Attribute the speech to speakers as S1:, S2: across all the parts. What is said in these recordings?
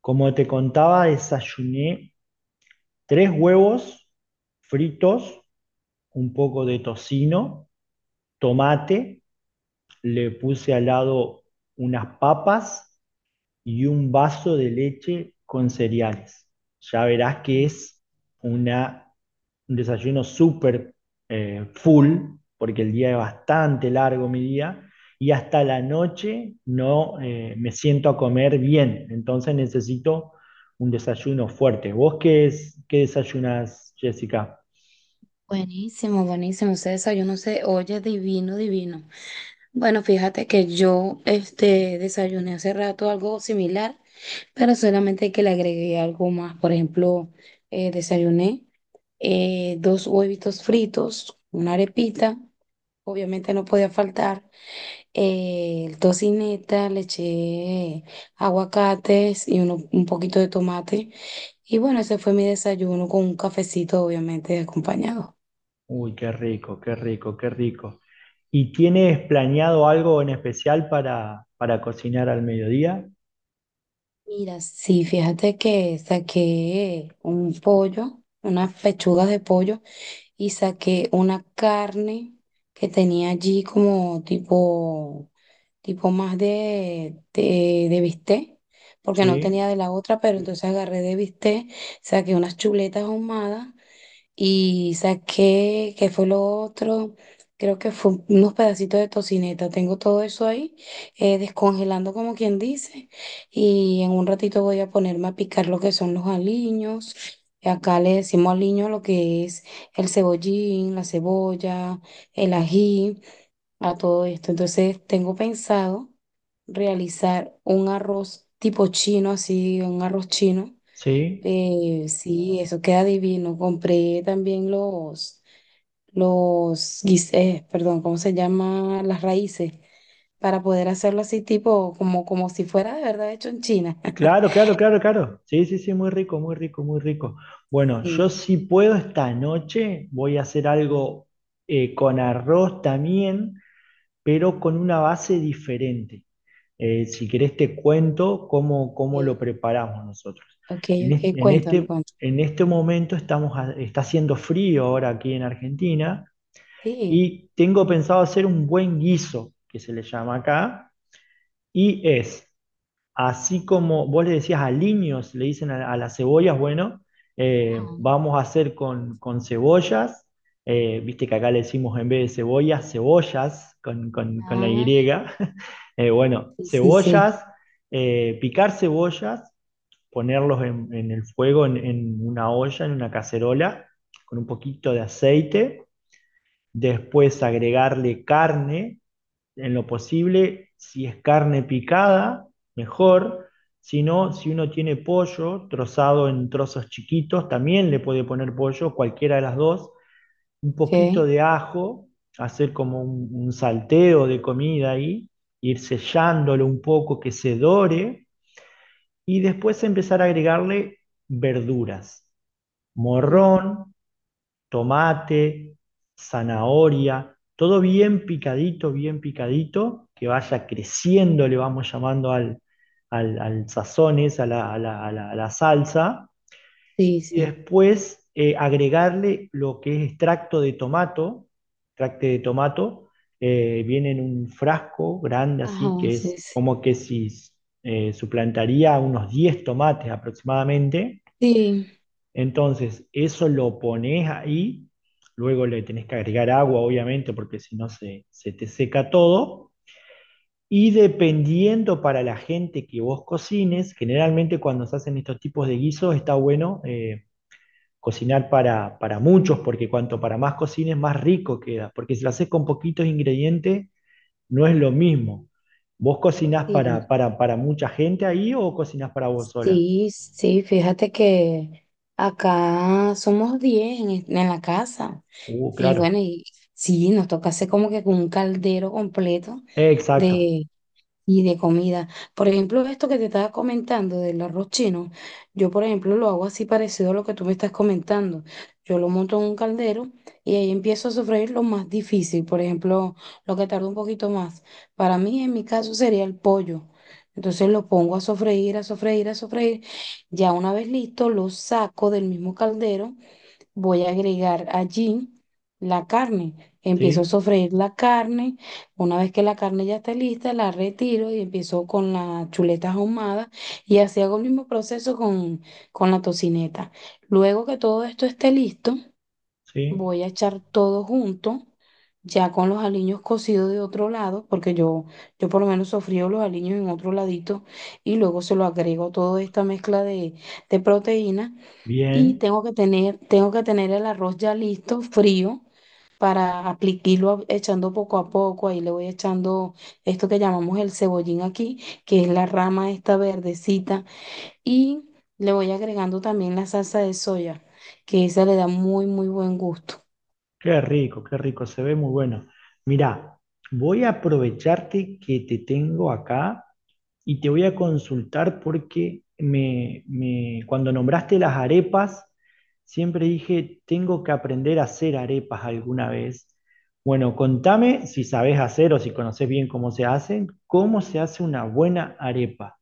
S1: Como te contaba, desayuné tres huevos fritos, un poco de tocino, tomate, le puse al lado unas papas y un vaso de leche con cereales. Ya verás que
S2: Mm.
S1: es una un desayuno súper, full, porque el día es bastante largo mi día, y hasta la noche no, me siento a comer bien, entonces necesito un desayuno fuerte. ¿Vos qué desayunas, Jessica?
S2: Buenísimo, buenísimo. Ese desayuno se oye divino, divino. Bueno, fíjate que yo desayuné hace rato algo similar, pero solamente que le agregué algo más. Por ejemplo, desayuné dos huevitos fritos, una arepita, obviamente no podía faltar, tocineta, le eché aguacates y un poquito de tomate. Y bueno, ese fue mi desayuno con un cafecito, obviamente, acompañado.
S1: Uy, qué rico, qué rico, qué rico. ¿Y tienes planeado algo en especial para cocinar al mediodía?
S2: Mira, sí, fíjate que saqué un pollo, unas pechugas de pollo y saqué una carne que tenía allí como tipo, tipo más de bistec, porque no tenía
S1: Sí,
S2: de la otra, pero entonces agarré de bistec, saqué unas chuletas ahumadas y saqué, ¿qué fue lo otro? Creo que fue unos pedacitos de tocineta. Tengo todo eso ahí, descongelando como quien dice. Y en un ratito voy a ponerme a picar lo que son los aliños. Y acá le decimos aliño a lo que es el cebollín, la cebolla, el ají, a todo esto. Entonces tengo pensado realizar un arroz tipo chino, así, un arroz chino
S1: sí.
S2: sí, eso queda divino. Compré también los, perdón, ¿cómo se llama? Las raíces, para poder hacerlo así tipo, como, como si fuera de verdad hecho en China.
S1: Claro, claro, claro, claro. Sí, sí, sí, muy rico, muy rico, muy rico. Bueno, yo
S2: Sí,
S1: si puedo esta noche voy a hacer algo, con arroz también, pero con una base diferente. Si querés te cuento cómo
S2: ok,
S1: lo preparamos nosotros.
S2: ok,
S1: En, es-
S2: ok,
S1: en
S2: cuéntame,
S1: este,
S2: cuéntame.
S1: en este momento está haciendo frío ahora aquí en Argentina,
S2: Sí,
S1: y tengo pensado hacer un buen guiso, que se le llama acá, y es. Así como vos le decías a aliños, le dicen a las cebollas. Bueno,
S2: ajá.
S1: vamos a hacer con cebollas. Viste que acá le decimos, en vez de cebollas, cebollas con, con la Y.
S2: Ah,
S1: Bueno,
S2: sí, sí, sí,
S1: cebollas. Eh, Picar cebollas, ponerlos en el fuego, en una olla, en una cacerola, con un poquito de aceite, después agregarle carne, en lo posible, si es carne picada, mejor. Si no, si uno tiene pollo trozado en trozos chiquitos, también le puede poner pollo, cualquiera de las dos. Un poquito de ajo, hacer como un salteo de comida ahí, ir sellándolo un poco que se dore, y después empezar a agregarle verduras.
S2: ok.
S1: Morrón, tomate, zanahoria, todo bien picadito, que vaya creciendo, le vamos llamando al sazón a la salsa,
S2: Sí,
S1: y
S2: sí.
S1: después agregarle lo que es extracto de tomato. extracto de tomato, viene en un frasco grande
S2: Ajá,
S1: así, que
S2: sí,
S1: es
S2: sí.
S1: como que si suplantaría unos 10 tomates aproximadamente.
S2: Sí,
S1: Entonces, eso lo pones ahí, luego le tenés que agregar agua, obviamente, porque si no se te seca todo. Y dependiendo para la gente que vos cocines, generalmente cuando se hacen estos tipos de guisos está bueno cocinar para muchos, porque cuanto para más cocines, más rico queda. Porque si lo haces con poquitos ingredientes, no es lo mismo. ¿Vos cocinás
S2: sí.
S1: para mucha gente ahí o cocinás para vos sola?
S2: Sí, sí, fíjate que acá somos 10 en, en la casa. Y bueno,
S1: Claro.
S2: y sí, nos toca hacer como que con un caldero completo
S1: Exacto.
S2: y de comida. Por ejemplo, esto que te estaba comentando del arroz chino, yo por ejemplo lo hago así parecido a lo que tú me estás comentando. Yo lo monto en un caldero y ahí empiezo a sofreír lo más difícil, por ejemplo, lo que tarda un poquito más. Para mí, en mi caso, sería el pollo. Entonces lo pongo a sofreír, a sofreír, a sofreír. Ya una vez listo, lo saco del mismo caldero, voy a agregar allí la carne. Empiezo a
S1: Sí,
S2: sofreír la carne. Una vez que la carne ya está lista, la retiro y empiezo con las chuletas ahumadas. Y así hago el mismo proceso con la tocineta. Luego que todo esto esté listo,
S1: sí.
S2: voy a echar todo junto. Ya con los aliños cocidos de otro lado, porque yo por lo menos sofrío los aliños en otro ladito y luego se lo agrego toda esta mezcla de proteína y
S1: Bien,
S2: tengo que tener el arroz ya listo, frío, para aplicarlo echando poco a poco. Ahí le voy echando esto que llamamos el cebollín aquí, que es la rama esta verdecita, y le voy agregando también la salsa de soya, que esa le da muy, muy buen gusto.
S1: qué rico, se ve muy bueno. Mirá, voy a aprovecharte que te tengo acá y te voy a consultar porque cuando nombraste las arepas, siempre dije, tengo que aprender a hacer arepas alguna vez. Bueno, contame si sabes hacer o si conoces bien cómo se hacen, cómo se hace una buena arepa.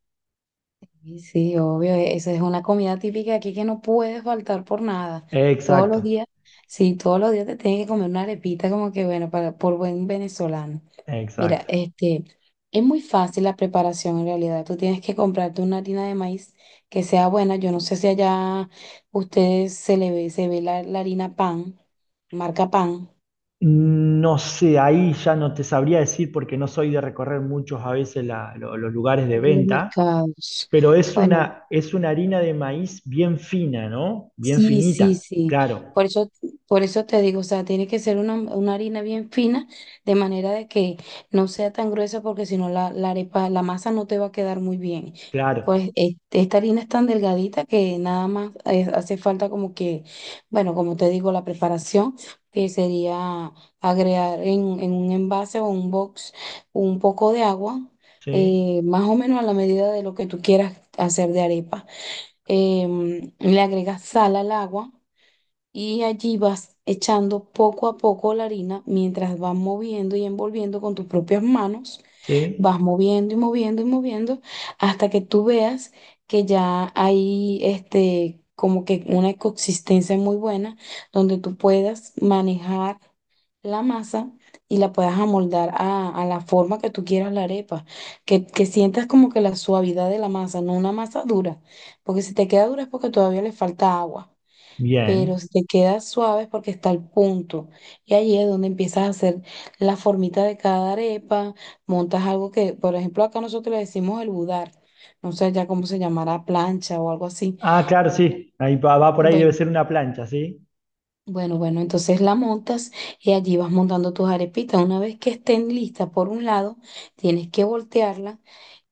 S2: Sí, sí, obvio, esa es una comida típica aquí que no puede faltar por nada. Todos los
S1: Exacto,
S2: días, sí, todos los días te tienes que comer una arepita como que, bueno, para, por buen venezolano. Mira,
S1: exacto.
S2: es muy fácil la preparación en realidad. Tú tienes que comprarte una harina de maíz que sea buena. Yo no sé si allá ustedes se ve la harina pan, marca pan,
S1: No sé, ahí ya no te sabría decir porque no soy de recorrer muchos a veces la- los lugares de
S2: en los
S1: venta,
S2: mercados.
S1: pero
S2: Bueno,
S1: es una harina de maíz bien fina, ¿no? Bien
S2: sí, sí,
S1: finita,
S2: sí.
S1: claro,
S2: Por eso, por eso te digo, o sea, tiene que ser una harina bien fina, de manera de que no sea tan gruesa, porque si no la arepa, la masa no te va a quedar muy bien.
S1: claro,
S2: Pues esta harina es tan delgadita que nada más hace falta como que, bueno, como te digo, la preparación, que sería agregar en un envase o un box un poco de agua,
S1: sí,
S2: más o menos a la medida de lo que tú quieras hacer de arepa, le agregas sal al agua y allí vas echando poco a poco la harina mientras vas moviendo y envolviendo con tus propias manos,
S1: sí,
S2: vas moviendo y moviendo y moviendo hasta que tú veas que ya hay como que una consistencia muy buena donde tú puedas manejar la masa y la puedas amoldar a la forma que tú quieras la arepa, que sientas como que la suavidad de la masa, no una masa dura, porque si te queda dura es porque todavía le falta agua, pero
S1: bien.
S2: si te queda suave es porque está al punto y ahí es donde empiezas a hacer la formita de cada arepa, montas algo que, por ejemplo, acá nosotros le decimos el budar, no sé ya cómo se llamará, plancha o algo así.
S1: Ah, claro, sí, ahí va, va por ahí, debe
S2: Bueno,
S1: ser una plancha, ¿sí?
S2: bueno, bueno, entonces la montas y allí vas montando tus arepitas. Una vez que estén listas por un lado, tienes que voltearla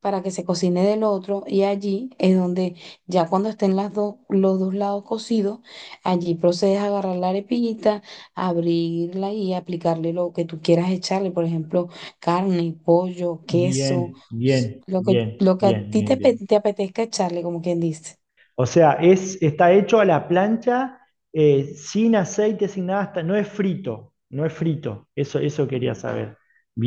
S2: para que se cocine del otro y allí es donde ya cuando estén las dos, los dos lados cocidos, allí procedes a agarrar la arepita, abrirla y aplicarle lo que tú quieras echarle, por ejemplo, carne, pollo, queso,
S1: Bien, bien, bien,
S2: lo que a
S1: bien,
S2: ti
S1: bien, bien.
S2: te apetezca echarle, como quien dice.
S1: O sea, es, está hecho a la plancha, sin aceite, sin nada, hasta- no es frito, no es frito. Eso quería saber.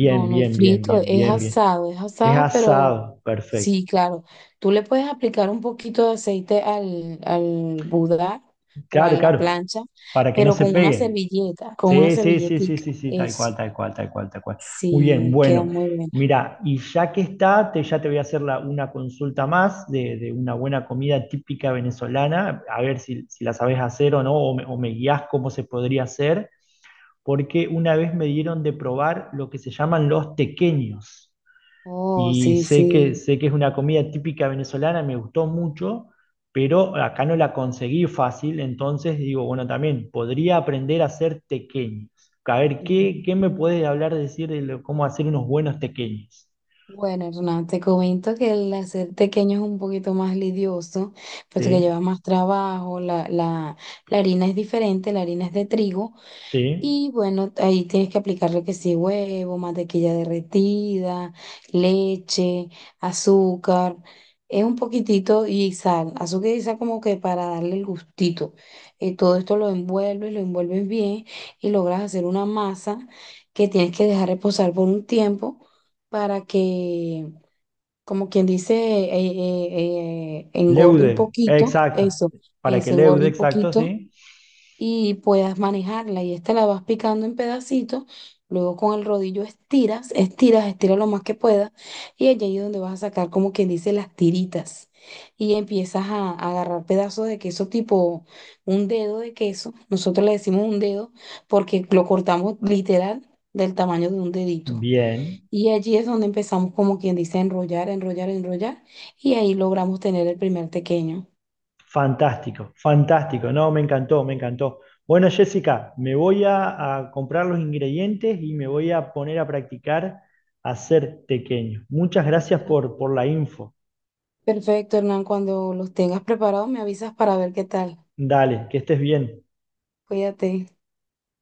S2: No, no es
S1: bien, bien,
S2: frito,
S1: bien, bien, bien.
S2: es
S1: Es
S2: asado, pero
S1: asado, perfecto.
S2: sí, claro. Tú le puedes aplicar un poquito de aceite al, al budar o a
S1: Claro,
S2: la
S1: claro,
S2: plancha,
S1: para que no
S2: pero
S1: se
S2: con una
S1: pegue.
S2: servilleta, con una
S1: Sí, sí, sí, sí,
S2: servilletica,
S1: sí, sí, tal
S2: eso.
S1: cual, tal cual, tal cual, tal cual. Muy bien,
S2: Sí, queda
S1: bueno.
S2: muy buena.
S1: Mira, y ya que está, te, ya te voy a hacer la- una consulta más de una buena comida típica venezolana, a ver si, si la sabes hacer o no, o me guías cómo se podría hacer, porque una vez me dieron de probar lo que se llaman los tequeños.
S2: Oh,
S1: Y
S2: sí,
S1: sé que,
S2: sí.
S1: sé que es una comida típica venezolana, me gustó mucho, pero acá no la conseguí fácil, entonces digo, bueno, también podría aprender a hacer tequeños. A ver, ¿qué me puedes hablar, decir de lo- cómo hacer unos buenos tequeños.
S2: Bueno, Hernán, te comento que el hacer tequeño es un poquito más lidioso, puesto que lleva
S1: Sí,
S2: más trabajo, la harina es diferente, la harina es de trigo.
S1: sí.
S2: Y bueno, ahí tienes que aplicarle que sí, huevo, mantequilla derretida, leche, azúcar, es un poquitito y sal, azúcar y sal como que para darle el gustito. Todo esto lo envuelves bien y logras hacer una masa que tienes que dejar reposar por un tiempo para que, como quien dice, engorde un
S1: Leude,
S2: poquito,
S1: exacto.
S2: eso,
S1: Para que
S2: eso engorde
S1: leude,
S2: un
S1: exacto,
S2: poquito
S1: sí.
S2: y puedas manejarla. Y esta la vas picando en pedacitos, luego con el rodillo estiras, estiras, estiras lo más que puedas, y allá es donde vas a sacar como quien dice las tiritas. Y empiezas a agarrar pedazos de queso tipo un dedo de queso. Nosotros le decimos un dedo porque lo cortamos literal del tamaño de un dedito.
S1: Bien.
S2: Y allí es donde empezamos como quien dice a enrollar, enrollar, enrollar, y ahí logramos tener el primer tequeño.
S1: Fantástico, fantástico. No, me encantó, me encantó. Bueno, Jessica, me voy a comprar los ingredientes y me voy a poner a practicar a hacer tequeño. Muchas gracias por la info.
S2: Perfecto, Hernán. Cuando los tengas preparados, me avisas para ver qué tal.
S1: Dale, que estés bien.
S2: Cuídate.